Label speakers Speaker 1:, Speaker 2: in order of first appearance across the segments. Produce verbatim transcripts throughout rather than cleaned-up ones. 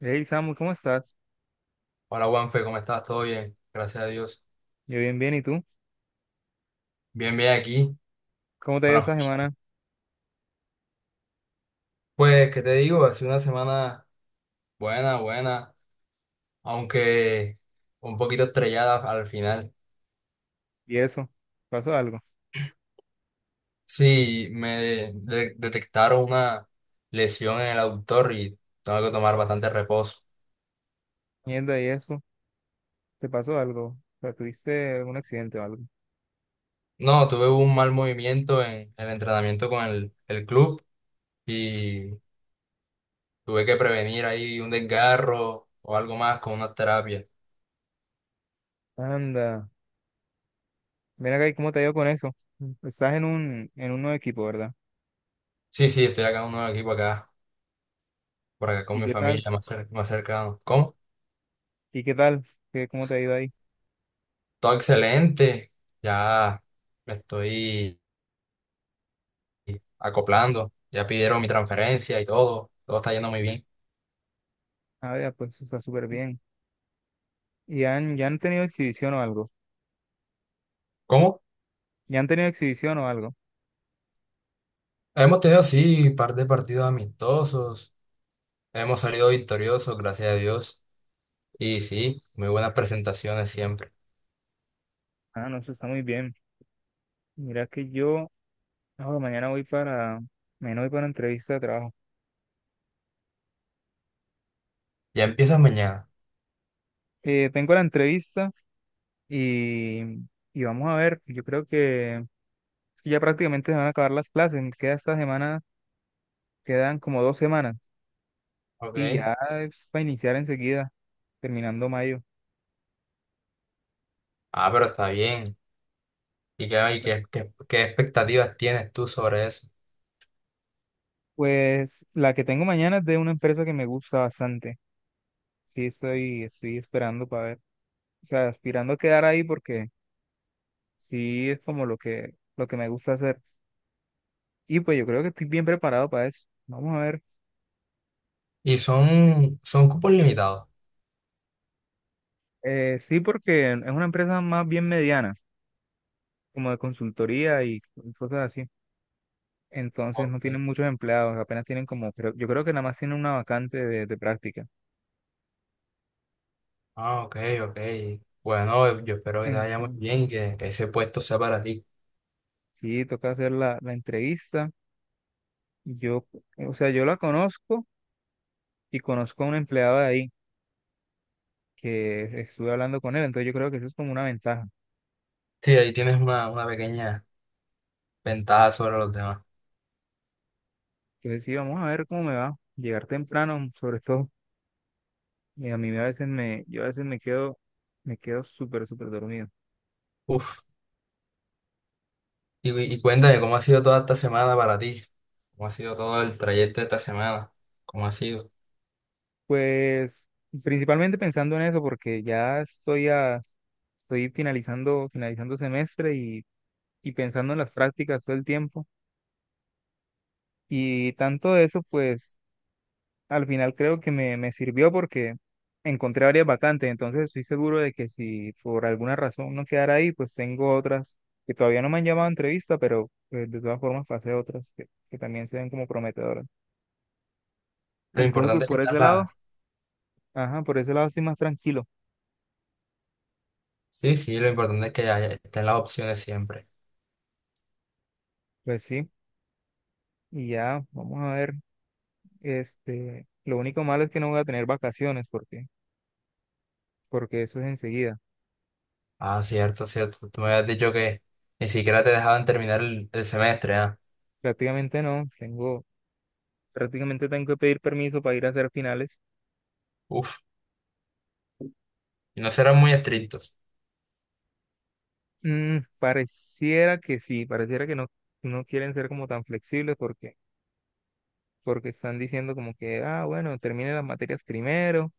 Speaker 1: Hey Samu, ¿cómo estás?
Speaker 2: Hola Juanfe, ¿cómo estás? ¿Todo bien? Gracias a Dios.
Speaker 1: Yo bien, bien, ¿y tú?
Speaker 2: Bien, bien aquí
Speaker 1: ¿Cómo te ha
Speaker 2: con
Speaker 1: ido
Speaker 2: la
Speaker 1: esta
Speaker 2: familia.
Speaker 1: semana?
Speaker 2: Pues, ¿qué te digo? Ha sido una semana buena, buena, aunque un poquito estrellada al final.
Speaker 1: ¿Y eso? ¿Pasó algo?
Speaker 2: Sí, me de- detectaron una lesión en el aductor y tengo que tomar bastante reposo.
Speaker 1: Mierda, ¿y eso? ¿Te pasó algo? O sea, ¿tuviste algún accidente o algo?
Speaker 2: No, tuve un mal movimiento en el entrenamiento con el, el club y tuve que prevenir ahí un desgarro o algo más con una terapia.
Speaker 1: Anda, mira acá, ¿y cómo te ha ido con eso? Estás en un, en un nuevo equipo, ¿verdad?
Speaker 2: Sí, sí, estoy acá en un nuevo equipo acá, por acá con
Speaker 1: ¿Y
Speaker 2: mi
Speaker 1: qué tal?
Speaker 2: familia, más, cer- más cercano. ¿Cómo?
Speaker 1: ¿Y qué tal? ¿Qué, cómo te ha ido ahí?
Speaker 2: Todo excelente, ya me estoy acoplando, ya pidieron mi transferencia y todo, todo está yendo muy bien.
Speaker 1: Ah, ya, pues está súper bien. ¿Y han, ya han tenido exhibición o algo?
Speaker 2: ¿Cómo?
Speaker 1: ¿Ya han tenido exhibición o algo?
Speaker 2: Hemos tenido, sí, par de partidos amistosos, hemos salido victoriosos, gracias a Dios, y sí, muy buenas presentaciones siempre.
Speaker 1: Ah, no, eso está muy bien. Mira que yo, ah, mañana voy para, mañana voy para una entrevista de trabajo.
Speaker 2: Ya empiezas mañana,
Speaker 1: Eh, tengo la entrevista. Y, y vamos a ver, yo creo que, es que ya prácticamente se van a acabar las clases, me queda esta semana, quedan como dos semanas y
Speaker 2: ¿ok?
Speaker 1: ya es para iniciar enseguida, terminando mayo.
Speaker 2: Ah, pero está bien. ¿Y qué, y qué, qué, qué expectativas tienes tú sobre eso?
Speaker 1: Pues la que tengo mañana es de una empresa que me gusta bastante. Sí, estoy, estoy esperando para ver, o sea, aspirando a quedar ahí porque sí es como lo que, lo que me gusta hacer. Y pues yo creo que estoy bien preparado para eso. Vamos a ver.
Speaker 2: Y son, son cupos limitados.
Speaker 1: Eh, sí, porque es una empresa más bien mediana, como de consultoría y cosas así. Entonces no
Speaker 2: Ok.
Speaker 1: tienen muchos empleados, apenas tienen como, creo- yo creo que nada más tienen una vacante de, de práctica.
Speaker 2: Ah, ok, ok. Bueno, yo espero que te vaya muy
Speaker 1: Entonces,
Speaker 2: bien y que ese puesto sea para ti.
Speaker 1: sí, toca hacer la, la entrevista. Yo, o sea, yo la conozco y conozco a un empleado de ahí que estuve hablando con él, entonces yo creo que eso es como una ventaja.
Speaker 2: Sí, ahí tienes una, una pequeña ventaja sobre los demás.
Speaker 1: Entonces sí, vamos a ver cómo me va. Llegar temprano, sobre todo, y a mí a veces me, yo a veces me quedo, me quedo súper, súper dormido.
Speaker 2: Uf, y, y cuéntame, ¿cómo ha sido toda esta semana para ti? ¿Cómo ha sido todo el trayecto de esta semana? ¿Cómo ha sido?
Speaker 1: Pues principalmente pensando en eso, porque ya estoy a, estoy finalizando, finalizando semestre y pensando en las prácticas todo el tiempo. Y tanto de eso, pues al final creo que me, me sirvió porque encontré varias vacantes, entonces estoy seguro de que si por alguna razón no quedara ahí, pues tengo otras que todavía no me han llamado a entrevista, pero pues, de todas formas pasé otras que, que también se ven como prometedoras.
Speaker 2: Lo
Speaker 1: Entonces, pues
Speaker 2: importante es que
Speaker 1: por
Speaker 2: están
Speaker 1: ese lado,
Speaker 2: las...
Speaker 1: ajá, por ese lado estoy más tranquilo.
Speaker 2: Sí, sí, lo importante es que haya- estén las opciones siempre.
Speaker 1: Pues sí, y ya, vamos a ver, este, lo único malo es que no voy a tener vacaciones porque, porque eso es enseguida.
Speaker 2: Ah, cierto, cierto. Tú me habías dicho que ni siquiera te dejaban terminar el, el semestre, ¿ah?
Speaker 1: Prácticamente no, tengo. Prácticamente tengo que pedir permiso para ir a hacer finales.
Speaker 2: Uf, y no serán muy estrictos.
Speaker 1: Mm, pareciera que sí, pareciera que no, no quieren ser como tan flexibles porque, porque están diciendo como que, ah, bueno, termine las materias primero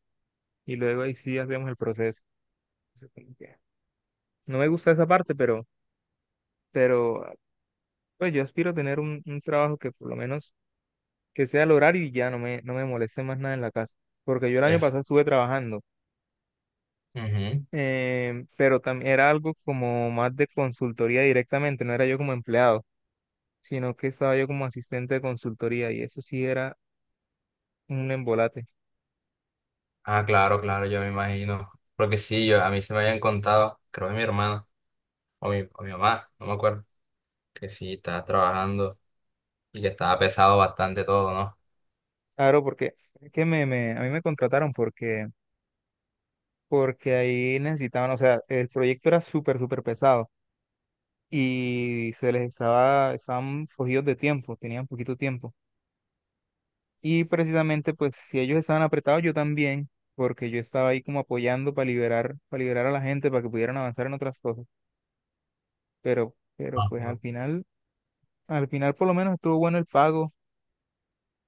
Speaker 1: y luego ahí sí hacemos el proceso. Entonces, como que no me gusta esa parte, pero, pero pues yo aspiro a tener un, un trabajo que por lo menos que sea al horario y ya no me, no me moleste más nada en la casa. Porque yo el año
Speaker 2: Eso.
Speaker 1: pasado estuve trabajando, eh, pero también era algo como más de consultoría directamente, no era yo como empleado, sino que estaba yo como asistente de consultoría y eso sí era un embolate.
Speaker 2: Ah, claro, claro, yo me imagino. Porque sí, yo, a mí se me habían contado, creo que mi hermana o mi, o mi mamá, no me acuerdo, que sí, estaba trabajando y que estaba pesado bastante todo, ¿no?
Speaker 1: Claro, porque es que me, me- a mí me contrataron porque, porque ahí necesitaban, o sea, el proyecto era súper, súper pesado y se les estaba, estaban cogidos de tiempo, tenían poquito tiempo. Y precisamente, pues, si ellos estaban apretados, yo también, porque yo estaba ahí como apoyando para liberar, para liberar a la gente, para que pudieran avanzar en otras cosas. Pero, pero pues
Speaker 2: Ajá.
Speaker 1: al final, al final por lo menos estuvo bueno el pago.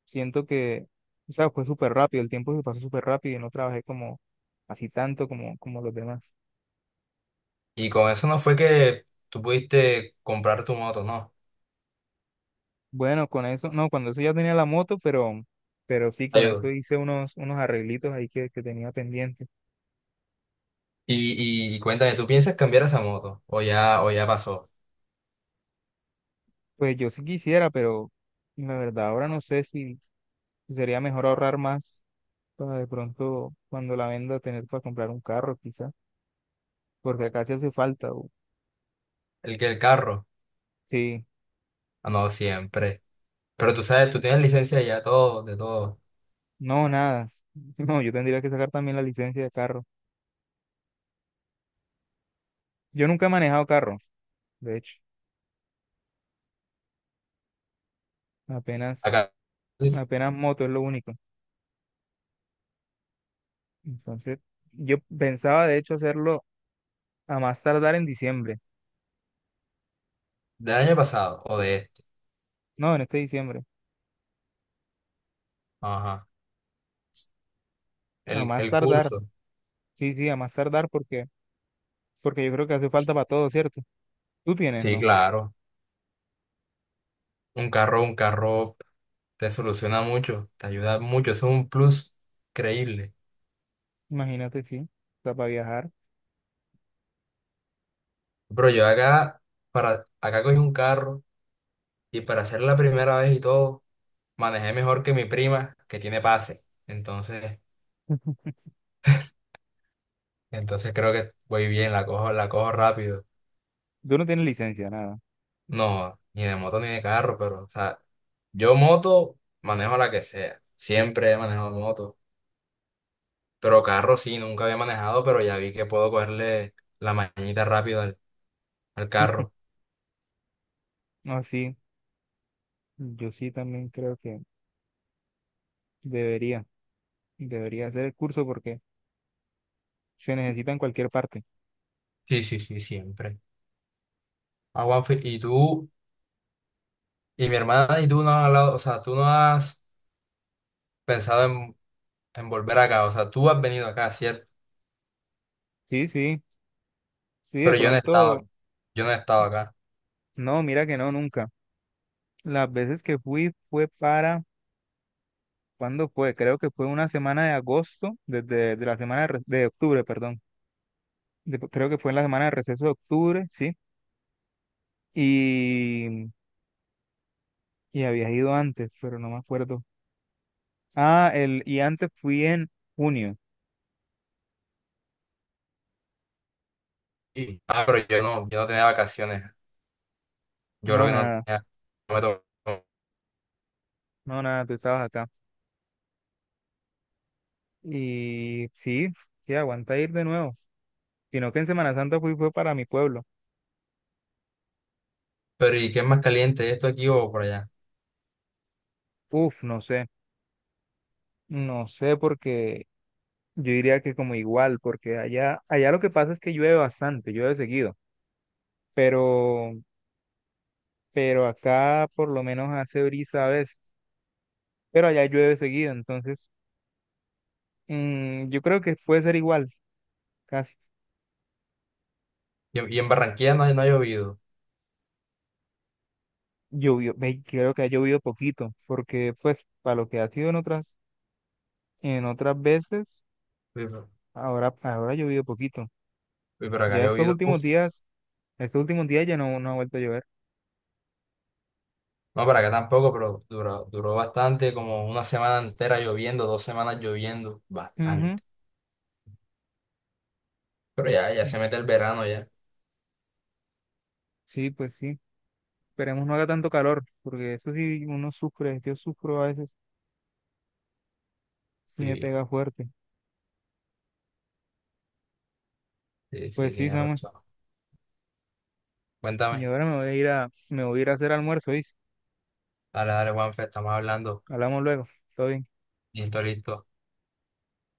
Speaker 1: Siento que, o sea, fue súper rápido, el tiempo se pasó súper rápido y no trabajé como así tanto como, como los demás.
Speaker 2: Y con eso no fue que tú pudiste comprar tu moto, ¿no?
Speaker 1: Bueno, con eso, no, cuando eso ya tenía la moto, pero, pero sí, con eso
Speaker 2: Ayudo.
Speaker 1: hice unos, unos arreglitos ahí que, que tenía pendiente.
Speaker 2: Y, y, y cuéntame, ¿tú piensas cambiar esa moto? ¿O ya, o ya pasó?
Speaker 1: Pues yo sí quisiera, pero la verdad ahora no sé si si sería mejor ahorrar más para de pronto cuando la venda tener para comprar un carro, quizá, porque acá sí hace falta. O-
Speaker 2: ¿El que el carro?
Speaker 1: sí,
Speaker 2: Ah, no, siempre. Pero tú sabes, tú tienes licencia ya todo, de todo.
Speaker 1: no, nada. No, yo tendría que sacar también la licencia de carro. Yo nunca he manejado carro, de hecho. Apenas,
Speaker 2: Acá, del
Speaker 1: Apenas moto es lo único. Entonces, yo pensaba de hecho hacerlo a más tardar en diciembre.
Speaker 2: año pasado o de este.
Speaker 1: No, en este diciembre.
Speaker 2: Ajá.
Speaker 1: A
Speaker 2: El,
Speaker 1: más
Speaker 2: el
Speaker 1: tardar.
Speaker 2: curso.
Speaker 1: Sí, sí, a más tardar porque, porque yo creo que hace falta para todo, ¿cierto? Tú tienes,
Speaker 2: Sí,
Speaker 1: ¿no?
Speaker 2: claro. Un carro, un carro te soluciona mucho, te ayuda mucho, eso es un plus creíble.
Speaker 1: Imagínate, sí. O sea, para viajar.
Speaker 2: Pero yo acá, para, acá cogí un carro y para hacer la primera vez y todo, manejé mejor que mi prima que tiene pase. Entonces, entonces creo que voy bien, la cojo, la cojo rápido.
Speaker 1: Tú no tienes licencia, nada.
Speaker 2: No, ni de moto ni de carro, pero, o sea, yo moto manejo la que sea. Siempre he manejado moto. Pero carro sí, nunca había manejado, pero ya vi que puedo cogerle la mañita rápido al al carro.
Speaker 1: No, sí. Yo sí también creo que debería, debería hacer el curso porque se necesita en cualquier parte.
Speaker 2: Sí, sí, sí, siempre. Ah, Juanfe, y tú, y mi hermana y tú no han hablado, o sea, tú no has pensado en, en volver acá, o sea, tú has venido acá, ¿cierto?
Speaker 1: Sí, sí. Sí, de
Speaker 2: Pero yo no he
Speaker 1: pronto,
Speaker 2: estado, yo no he estado acá.
Speaker 1: no, mira que no, nunca. Las veces que fui fue para... ¿Cuándo fue? Creo que fue una semana de agosto, desde de la semana de, re- de octubre, perdón. De- creo que fue en la semana de receso de octubre, sí. Y, y había ido antes, pero no me acuerdo. Ah, el, y antes fui en junio.
Speaker 2: Sí. Ah, pero yo no, yo no tenía vacaciones. Yo
Speaker 1: No,
Speaker 2: creo que no
Speaker 1: nada,
Speaker 2: tenía, no me tocó.
Speaker 1: no, nada, tú estabas acá. Y sí, sí, aguanta ir de nuevo. Sino que en Semana Santa fui fue para mi pueblo.
Speaker 2: Pero ¿y qué es más caliente, esto aquí o por allá?
Speaker 1: Uf, no sé, no sé porque yo diría que como igual, porque allá, allá lo que pasa es que llueve bastante, llueve seguido, pero pero acá por lo menos hace brisa a veces, pero allá llueve seguido, entonces mm, yo creo que puede ser igual, casi.
Speaker 2: Y, y en Barranquilla no, no ha llovido.
Speaker 1: Llovió, ve, creo que ha llovido poquito, porque pues para lo que ha sido en otras, en otras veces,
Speaker 2: Uy, pero
Speaker 1: ahora, ahora ha llovido poquito.
Speaker 2: uy, pero acá ha
Speaker 1: Ya estos
Speaker 2: llovido, uf.
Speaker 1: últimos días, estos últimos días ya no, no ha vuelto a llover.
Speaker 2: No, para acá tampoco, pero duró, duró bastante, como una semana entera lloviendo, dos semanas lloviendo,
Speaker 1: Ujú.
Speaker 2: bastante. Pero ya, ya se mete el verano ya.
Speaker 1: Sí, pues sí. Esperemos no haga tanto calor, porque eso sí uno sufre, yo sufro a veces si me
Speaker 2: Sí,
Speaker 1: pega fuerte.
Speaker 2: sí, sí,
Speaker 1: Pues sí,
Speaker 2: tienes
Speaker 1: Samuel.
Speaker 2: razón.
Speaker 1: Y
Speaker 2: Cuéntame.
Speaker 1: ahora me voy a ir a, me voy a ir a hacer almuerzo, ¿oíste?
Speaker 2: Dale, dale, Juanfe, estamos hablando.
Speaker 1: Hablamos luego. Todo bien.
Speaker 2: Listo, listo.